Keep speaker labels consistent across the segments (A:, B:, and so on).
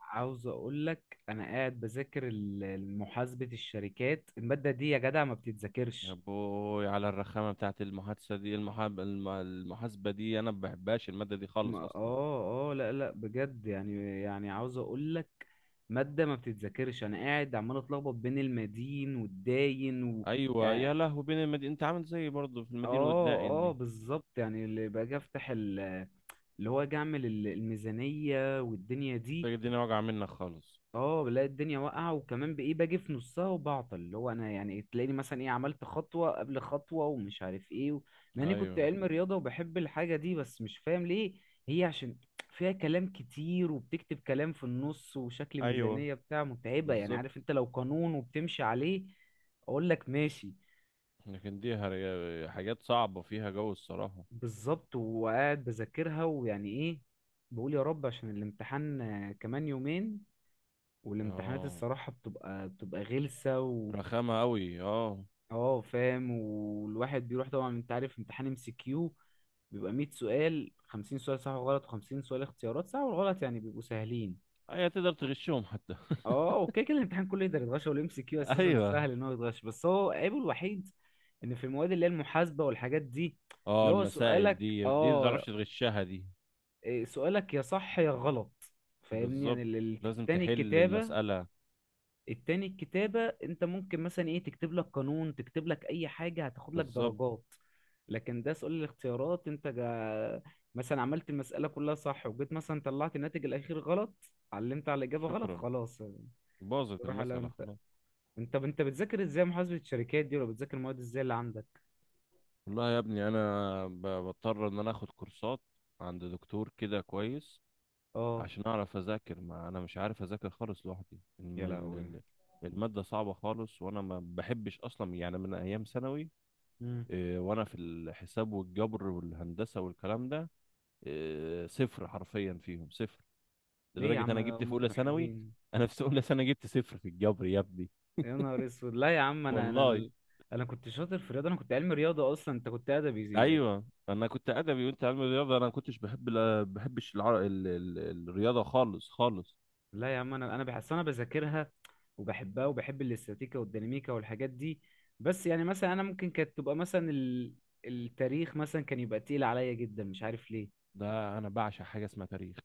A: عاوز اقول لك انا قاعد بذاكر محاسبة الشركات، المادة دي يا جدع ما
B: يا
A: بتتذاكرش.
B: بوي على الرخامة بتاعت المحادثة دي المحاسبة دي أنا ما بحبهاش المادة دي
A: ما
B: خالص أصلا.
A: اه اه لا، لا، بجد. يعني عاوز اقول لك مادة ما بتتذاكرش. انا قاعد عمال اتلخبط بين المدين والداين و...
B: أيوة يا
A: يعني.
B: لهوي، بين المدينة أنت عامل زيي برضه في المدينة
A: اه
B: والداعين
A: اه
B: دي.
A: بالظبط. يعني اللي باجي افتح اللي هو اجي اعمل الميزانية والدنيا
B: أنت
A: دي.
B: الدنيا واجعة منك خالص.
A: اه، بلاقي الدنيا واقعة، وكمان بإيه باجي في نصها وبعطل اللي هو أنا، يعني تلاقيني مثلا إيه عملت خطوة قبل خطوة ومش عارف إيه و... مع إني كنت
B: أيوة،
A: علم رياضة وبحب الحاجة دي بس مش فاهم ليه. هي عشان فيها كلام كتير وبتكتب كلام في النص وشكل
B: أيوة،
A: ميزانية بتاع متعبة، يعني
B: بالظبط.
A: عارف أنت لو قانون وبتمشي عليه أقول لك ماشي.
B: لكن دي حاجات صعبة فيها جو الصراحة.
A: بالظبط، وقاعد بذاكرها ويعني إيه. بقول يا رب عشان الامتحان، كمان يومين. والامتحانات
B: اه،
A: الصراحة بتبقى غلسة.
B: رخامة أوي، اه.
A: اه فاهم. والواحد بيروح، طبعا انت عارف امتحان ام سي كيو بيبقى 100 سؤال، 50 سؤال صح وغلط و50 سؤال اختيارات صح وغلط، يعني بيبقوا سهلين.
B: أيوة تقدر تغشهم حتى.
A: اه، اوكي، كده الامتحان كله يقدر يتغش، والام سي كيو اساسا
B: أيوة.
A: سهل ان هو يتغش، بس هو عيبه الوحيد ان في المواد اللي هي المحاسبة والحاجات دي،
B: اه،
A: اللي هو
B: المسائل
A: سؤالك
B: دي متعرفش تغشها. دي
A: إيه، سؤالك يا صح يا غلط. فاهمني، يعني
B: بالظبط، لازم
A: التاني
B: تحل
A: الكتابة.
B: المسألة.
A: التاني الكتابة انت ممكن مثلا ايه تكتب لك قانون، تكتب لك اي حاجة هتاخد لك
B: بالظبط.
A: درجات. لكن ده سؤال الاختيارات انت مثلا عملت المسألة كلها صح، وجيت مثلا طلعت الناتج الأخير غلط، علمت على الإجابة غلط،
B: شكرا،
A: خلاص.
B: باظت
A: روح على
B: المسألة
A: انت.
B: خلاص.
A: انت بتذاكر ازاي محاسبة الشركات دي، ولا بتذاكر المواد ازاي اللي عندك؟
B: والله يا ابني انا بضطر ان انا اخد كورسات عند دكتور كده كويس،
A: اه
B: عشان اعرف اذاكر. ما انا مش عارف اذاكر خالص لوحدي
A: يا لهوي.
B: المادة صعبة خالص وانا ما بحبش اصلا، يعني من ايام ثانوي.
A: مم.
B: إيه، وانا في الحساب والجبر والهندسة والكلام ده إيه، صفر حرفيا، فيهم صفر.
A: ليه يا
B: لدرجة
A: عم؟
B: انا جبت في
A: هم
B: اولى
A: كانوا
B: ثانوي،
A: حلوين.
B: انا في اولى ثانوي جبت صفر في الجبر يا ابني،
A: يا نهار اسود، لا يا عم، انا
B: والله.
A: انا انا كنت شاطر في الرياضة. انا كنت علمي رياضة اصلا، انت كنت ادبي.
B: ايوه انا كنت ادبي وانت علم رياضه. انا ما كنتش بحب، لا بحبش الرياضه خالص خالص.
A: لا يا عم، انا بحس انا بذاكرها وبحبها، وبحب الاستاتيكا والديناميكا والحاجات دي. بس يعني مثلا انا ممكن كانت تبقى مثلا التاريخ مثلا كان يبقى تقيل عليا جدا، مش عارف ليه.
B: ده انا بعشق حاجه اسمها تاريخ.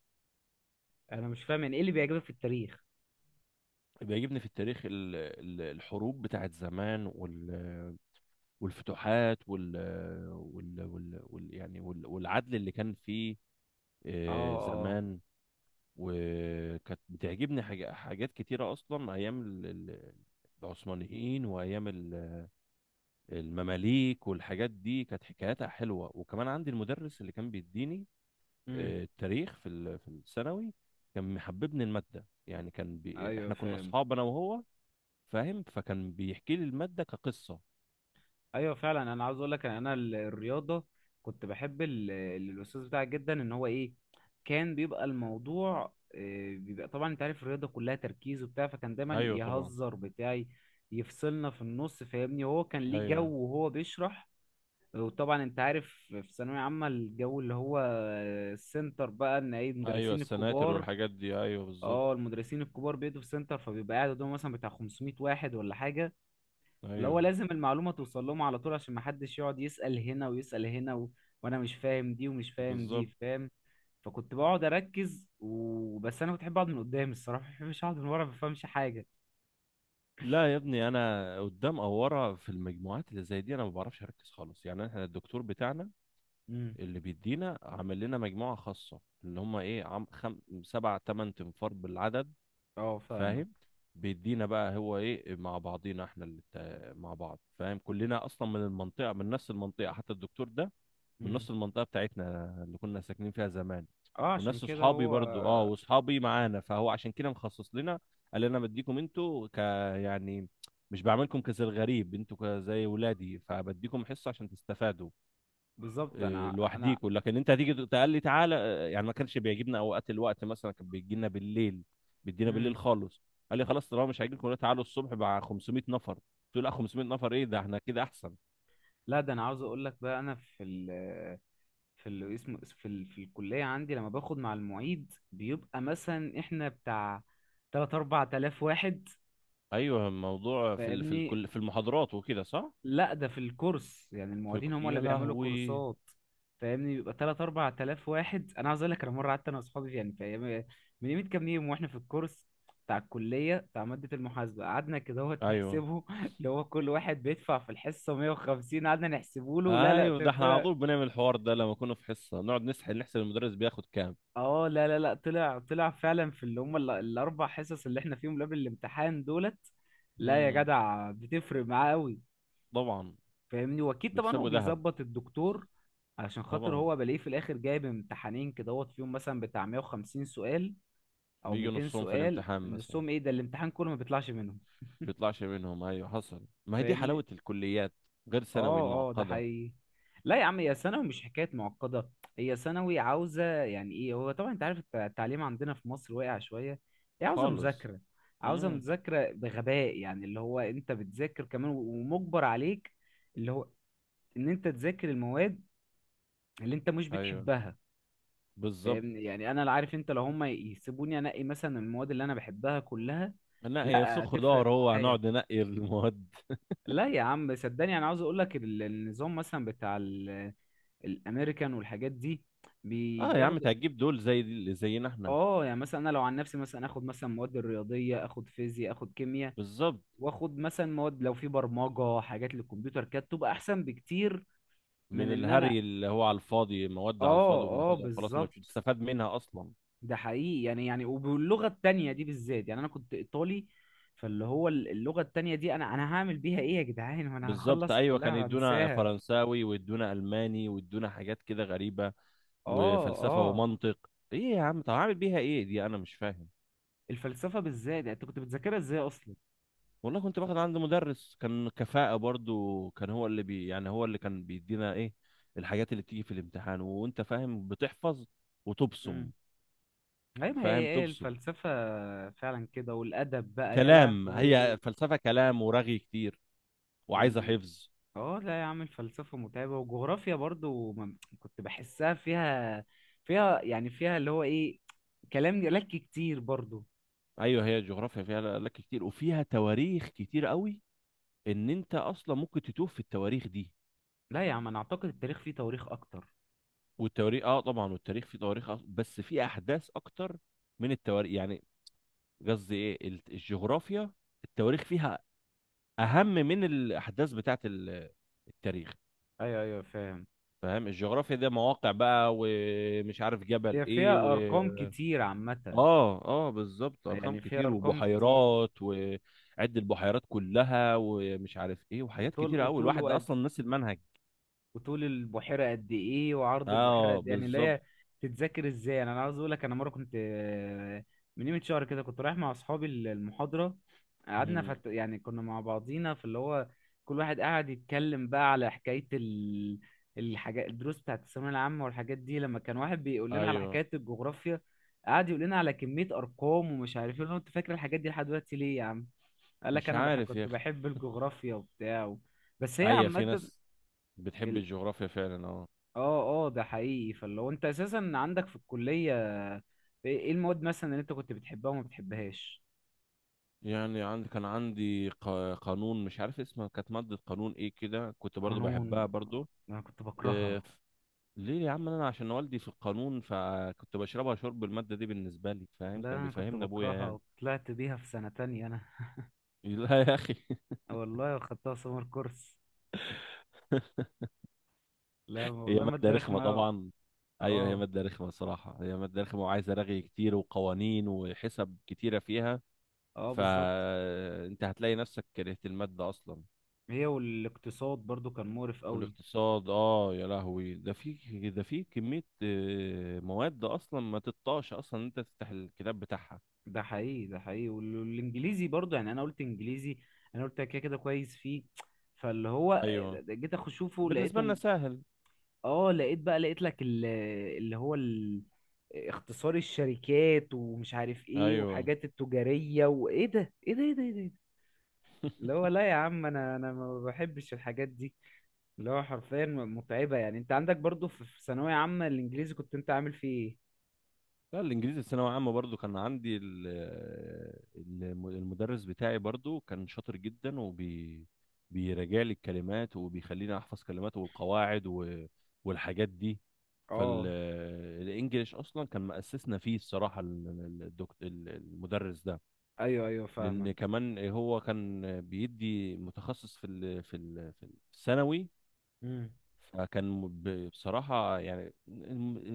A: انا مش فاهم يعني ايه اللي بيعجبك في التاريخ.
B: بيعجبني في التاريخ الحروب بتاعت زمان والفتوحات والعدل اللي كان فيه،
A: اه.
B: آه،
A: اه.
B: زمان. وكانت بتعجبني حاجات كتيره اصلا، ايام العثمانيين وايام المماليك والحاجات دي، كانت حكاياتها حلوة. وكمان عندي المدرس اللي كان بيديني
A: امم.
B: آه، التاريخ في الثانوي، كان محببني المادة يعني. كان
A: ايوه
B: احنا كنا
A: فاهم.
B: اصحاب انا وهو، فاهم، فكان بيحكي لي المادة كقصة.
A: ايوه فعلا. انا عاوز اقول لك ان انا الرياضه كنت بحب الاستاذ بتاعك جدا، ان هو ايه كان بيبقى الموضوع، بيبقى طبعا انت عارف الرياضه كلها تركيز وبتاع، فكان دايما
B: ايوه طبعا.
A: يهزر بتاعي يفصلنا في النص، فاهمني، وهو كان ليه جو
B: ايوه،
A: وهو بيشرح. وطبعا انت عارف في ثانويه عامه الجو اللي هو السنتر بقى ان ايه
B: ايوه،
A: المدرسين
B: السناتر
A: الكبار.
B: والحاجات دي، ايوه بالظبط.
A: اه، المدرسين الكبار بيدوا في سنتر، فبيبقى قاعد قدامه مثلا بتاع 500 واحد ولا حاجه، اللي هو
B: ايوه
A: لازم المعلومة توصل لهم على طول عشان محدش يقعد يسأل هنا ويسأل هنا و... وانا مش فاهم دي ومش فاهم
B: بالظبط.
A: دي، فاهم. فكنت بقعد اركز وبس، انا كنت بحب اقعد من قدام الصراحة، ما بحبش اقعد من ورا ما بفهمش حاجة.
B: لا يا ابني، انا قدام او ورا في المجموعات اللي زي دي انا ما بعرفش اركز خالص. يعني احنا الدكتور بتاعنا
A: امم.
B: اللي بيدينا عامل لنا مجموعة خاصة، اللي هم ايه، سبع تمن تنفار بالعدد،
A: اه فاهمك.
B: فاهم. بيدينا بقى هو ايه مع بعضينا احنا مع بعض، فاهم. كلنا اصلا من المنطقة من نفس المنطقة، حتى الدكتور ده من
A: امم.
B: نفس المنطقة بتاعتنا اللي كنا ساكنين فيها زمان،
A: اه عشان
B: وناس
A: كده
B: اصحابي
A: هو.
B: برضو، اه، واصحابي معانا. فهو عشان كده مخصص لنا، قال انا بديكم انتوا ك يعني مش بعملكم كزي الغريب، انتوا زي ولادي، فبديكم حصة عشان تستفادوا
A: بالظبط.
B: آه،
A: انا
B: لوحديكوا. لكن انت هتيجي تقول لي تعالى آه، يعني ما كانش بيعجبنا اوقات الوقت. مثلا كان بيجي لنا بالليل، بيدينا بالليل
A: امم.
B: خالص. قال لي خلاص، طالما مش هيجيلكم تعالوا الصبح مع 500 نفر. قلت له لا، 500 نفر ايه ده، احنا كده احسن.
A: لا، ده انا عاوز اقول لك بقى، انا في ال، في اللي اسمه في في الكلية عندي لما باخد مع المعيد بيبقى مثلا احنا بتاع 3 4000 واحد.
B: ايوه الموضوع في ال... في
A: فاهمني؟
B: الكل في المحاضرات وكده، صح.
A: لا، ده في الكورس يعني، المعيدين هم اللي
B: يا
A: بيعملوا
B: لهوي.
A: كورسات. فاهمني، بيبقى 3 4000 واحد. انا عاوز اقول لك انا مره قعدت انا واصحابي يعني في من يومين كام يوم واحنا في الكورس بتاع الكليه بتاع ماده المحاسبه، قعدنا كده اهوت
B: ايوه،
A: نحسبه. اللي هو كل واحد بيدفع في الحصه 150، قعدنا نحسبه له. لا، لا،
B: ايوه، ده احنا على
A: طلع.
B: طول بنعمل الحوار ده، لما كنا في حصه نقعد نسحل نحسب المدرس بياخد كام.
A: اه، لا طلع فعلا في اللي هم الاربع حصص اللي احنا فيهم قبل الامتحان دولت. لا يا
B: امم،
A: جدع بتفرق معاه قوي،
B: طبعا،
A: فاهمني، واكيد طبعا هو
B: بيكسبوا ذهب.
A: بيظبط الدكتور علشان خاطر
B: طبعا
A: هو بلاقيه في الاخر جايب امتحانين كدهوت، فيهم مثلا بتاع 150 سؤال او
B: بيجوا
A: 200
B: نصهم في
A: سؤال،
B: الامتحان مثلا،
A: نصهم ايه ده الامتحان كله ما بيطلعش منهم.
B: بيطلعش منهم، ايوه، حصل. ما هي دي
A: فاهمني.
B: حلاوة الكليات، غير ثانوي
A: اه ده
B: المعقدة
A: حقيقي. لا يا عم هي ثانوي مش حكايه معقده. هي ثانوي عاوزه يعني ايه، هو طبعا انت عارف التعليم عندنا في مصر واقع شويه. هي عاوزه
B: خالص.
A: مذاكره، عاوزه
B: امم.
A: مذاكره بغباء، يعني اللي هو انت بتذاكر كمان ومجبر عليك، اللي هو ان انت تذاكر المواد اللي انت مش
B: ايوه
A: بتحبها.
B: بالظبط.
A: فاهمني، يعني انا لا عارف، انت لو هم يسيبوني انقي مثلا المواد اللي انا بحبها كلها.
B: نقي
A: لا
B: سخ
A: هتفرق
B: دار هو،
A: معايا.
B: هنقعد ننقي المواد؟
A: لا يا عم صدقني، انا عاوز اقول لك النظام مثلا بتاع الامريكان والحاجات دي
B: اه يا عم انت
A: بياخدوا
B: هتجيب دول زي زينا احنا.
A: اه، يعني مثلا انا لو عن نفسي مثلا اخد مثلا مواد الرياضيه، اخد فيزياء، اخد كيمياء،
B: بالظبط،
A: واخد مثلا مواد لو في برمجه حاجات للكمبيوتر، كانت تبقى احسن بكتير من
B: من
A: ان انا.
B: الهري اللي هو على الفاضي، مواد على
A: اه.
B: الفاضي
A: اه
B: وبناخدها وخلاص ما
A: بالظبط.
B: فيش استفاد منها اصلا.
A: ده حقيقي. يعني وباللغة التانية دي بالذات، يعني أنا كنت إيطالي، فاللي هو اللغة التانية دي أنا هعمل بيها إيه يا جدعان، وأنا
B: بالظبط.
A: هخلص
B: ايوه كان
A: الكلية
B: يدونا
A: هنساها.
B: فرنساوي ويدونا الماني ويدونا حاجات كده غريبة،
A: آه.
B: وفلسفة
A: آه.
B: ومنطق. ايه يا عم، طب عامل بيها ايه دي؟ انا مش فاهم.
A: الفلسفة بالذات، يعني أنت كنت بتذاكرها إزاي أصلا؟
B: والله كنت باخد عند مدرس كان كفاءة، برضو كان هو اللي بي يعني هو اللي كان بيدينا الحاجات اللي بتيجي في الامتحان، وانت فاهم، بتحفظ وتبصم.
A: امم. أيوة، ما هي
B: فاهم،
A: إيه
B: تبصم
A: الفلسفة. فعلا كده، والأدب بقى يا
B: كلام. هي
A: لهوي.
B: فلسفة كلام ورغي كتير، وعايزة
A: وال...
B: حفظ.
A: آه لا يا عم الفلسفة متعبة، وجغرافيا برضو كنت بحسها فيها، فيها يعني فيها اللي هو إيه، كلام جلاكي كتير برضو.
B: ايوه، هي جغرافيا فيها لك كتير وفيها تواريخ كتير قوي، ان انت اصلا ممكن تتوه في التواريخ دي.
A: لا يا عم انا اعتقد التاريخ فيه تواريخ اكتر.
B: والتواريخ اه، طبعا. والتاريخ فيه تواريخ، بس في احداث اكتر من التواريخ يعني. قصدي الجغرافيا التواريخ فيها اهم من الاحداث بتاعت التاريخ،
A: ايوه فاهم.
B: فاهم. الجغرافيا ده مواقع بقى، ومش عارف جبل
A: هي
B: ايه
A: فيها
B: و...
A: ارقام كتير عامة.
B: اه، اه، بالظبط، ارقام
A: يعني فيها
B: كتير
A: ارقام كتير،
B: وبحيرات وعد البحيرات كلها، ومش عارف ايه، وحاجات
A: وطول
B: كتيره قوي
A: وطول
B: الواحد ده
A: وقد،
B: اصلا نسي المنهج.
A: وطول البحيرة قد ايه وعرض البحيرة
B: اه
A: قد إيه. يعني اللي
B: بالظبط.
A: هي تتذاكر ازاي؟ يعني انا عاوز اقول لك انا مرة كنت، من قيمة شهر كده كنت رايح مع اصحابي المحاضرة، قعدنا
B: مم.
A: يعني كنا مع بعضينا في اللي هو كل واحد قاعد يتكلم بقى على حكاية الحاجات الدروس بتاعت الثانوية العامة والحاجات دي، لما كان واحد بيقول لنا على
B: ايوه.
A: حكاية الجغرافيا قعد يقول لنا على كمية أرقام ومش عارف ايه. انت فاكر الحاجات دي لحد دلوقتي ليه يا عم؟ قال لك
B: مش
A: أنا
B: عارف يا
A: كنت
B: اخي.
A: بحب الجغرافيا وبتاع و... بس هي
B: ايوه في
A: عامة.
B: ناس بتحب
A: ال-
B: الجغرافيا فعلا، اه.
A: اه ده حقيقي. فاللي هو انت اساسا عندك في الكلية ايه، إيه المواد مثلا اللي انت كنت بتحبها وما بتحبهاش؟
B: يعني كان عندي قانون، مش عارف اسمها، كانت مادة قانون ايه كده، كنت برضو
A: قانون،
B: بحبها.
A: انا كنت
B: برضو؟
A: بكرهها.
B: ليه يا عم، انا عشان والدي في القانون، فكنت بشربها شرب الماده دي بالنسبه لي، فاهم؟
A: لا
B: كان
A: انا كنت
B: بيفهمنا ابويا
A: بكرهها،
B: يعني.
A: وطلعت بيها في سنة تانية انا.
B: لا يا اخي.
A: والله خدتها سمر كورس. لا
B: هي
A: والله
B: ماده
A: مادة
B: رخمه
A: رخمة أوي.
B: طبعا. ايوه، هي
A: اه
B: ماده رخمه الصراحه، هي ماده رخمه وعايزه رغي كتير وقوانين وحسب كتيره فيها.
A: اه بالظبط.
B: فانت هتلاقي نفسك كرهت الماده اصلا.
A: هي والاقتصاد برضو كان مقرف قوي.
B: والاقتصاد، اه، يا لهوي، ده في كميه آه، مواد اصلا ما تطاش اصلا إن انت تفتح الكتاب بتاعها.
A: ده حقيقي. والانجليزي برضو يعني، انا قلت انجليزي، انا قلت كده كده كويس فيه، فاللي هو
B: ايوه،
A: جيت اخش اشوفه
B: بالنسبه لنا
A: لقيته.
B: سهل.
A: اه لقيت بقى، لقيت لك اللي هو ال- اختصار الشركات ومش عارف ايه،
B: ايوه.
A: وحاجات التجارية، وايه ده، ايه ده، ايه ده، ايه ده، إيه ده؟ اللي هو لا يا عم انا ما بحبش الحاجات دي، اللي هو حرفيا متعبة. يعني انت عندك برضو في في ثانوية عامة الانجليزي كنت انت عامل فيه ايه؟
B: لا، الانجليزي في ثانويه عامه برضو كان عندي المدرس بتاعي برضو كان شاطر جدا، بيراجع لي الكلمات وبيخليني احفظ كلمات والقواعد والحاجات دي.
A: اه.
B: فالانجليش اصلا كان مأسسنا فيه الصراحه المدرس ده،
A: ايوه
B: لان
A: فاهمك.
B: كمان هو كان بيدي متخصص في الثانوي.
A: امم.
B: فكان بصراحة يعني،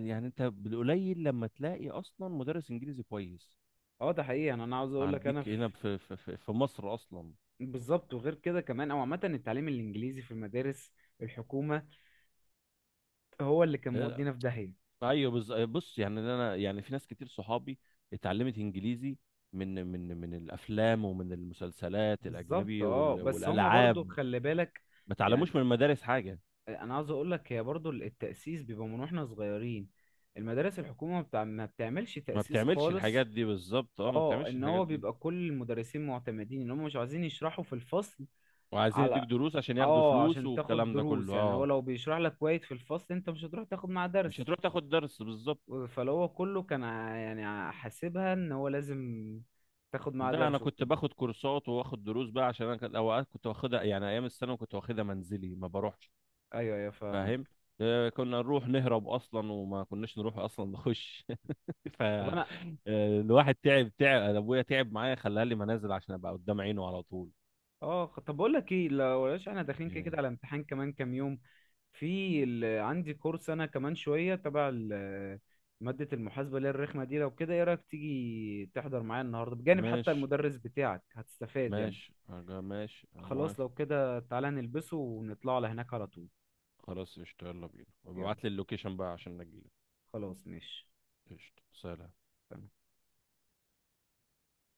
B: يعني انت بالقليل لما تلاقي اصلا مدرس انجليزي كويس
A: اه ده حقيقي. انا عاوز اقول لك انا
B: عندك هنا
A: في.
B: في مصر اصلا.
A: بالظبط، وغير كده كمان او عامة التعليم الانجليزي في المدارس الحكومة هو اللي كان
B: اه.
A: مودينا في داهية.
B: ايوه، بص يعني انا، يعني في ناس كتير صحابي اتعلمت انجليزي من الافلام، ومن المسلسلات
A: بالظبط
B: الاجنبي
A: اه، بس هما برضو
B: والالعاب،
A: خلي بالك،
B: ما
A: يعني
B: اتعلموش من المدارس حاجة.
A: انا عاوز اقول لك هي برضو التأسيس بيبقى من واحنا صغيرين، المدارس الحكومة ما بتعملش
B: ما
A: تأسيس
B: بتعملش الحاجات
A: خالص.
B: دي، بالظبط. اه، ما
A: اه
B: بتعملش
A: ان
B: الحاجات
A: هو
B: دي.
A: بيبقى كل المدرسين معتمدين ان هم مش عايزين يشرحوا في الفصل
B: وعايزين يديك
A: على،
B: دروس عشان ياخدوا
A: اه،
B: فلوس،
A: عشان تاخد
B: والكلام ده
A: دروس،
B: كله،
A: يعني هو
B: اه.
A: لو بيشرح لك كويس في الفصل انت مش هتروح تاخد معاه
B: مش
A: درس.
B: هتروح تاخد درس، بالظبط.
A: فلو هو كله كان يعني حاسبها ان هو لازم تاخد معاه
B: ده انا
A: درس
B: كنت
A: وكده.
B: باخد كورسات واخد دروس بقى، عشان انا اوقات كنت واخدها يعني ايام الثانوي، كنت واخدها منزلي ما بروحش،
A: ايوه فاهمك.
B: فاهم. آه، كنا نروح نهرب اصلا، وما كناش نروح اصلا نخش. ف
A: طب
B: آه،
A: انا.
B: الواحد تعب، تعب. أنا ابويا تعب معايا، خلاها لي منازل عشان ابقى قدام عينه على طول،
A: اه طب بقول لك ايه، لو بلاش احنا داخلين كده كده
B: يعني.
A: على امتحان كمان كام يوم. في عندي كورس انا كمان شويه تبع ماده المحاسبه اللي هي الرخمه دي، لو كده ايه رايك تيجي تحضر معايا النهارده بجانب، حتى
B: ماشي،
A: المدرس بتاعك هتستفاد يعني.
B: ماشي، أرجع ماشي، أنا
A: خلاص
B: موافق.
A: لو كده تعالى نلبسه ونطلع على هناك على طول.
B: خلاص، قشطة، يلا بينا،
A: يلا.
B: وابعت لي اللوكيشن بقى عشان اجيلك.
A: خلاص ماشي.
B: قشطة، سلام.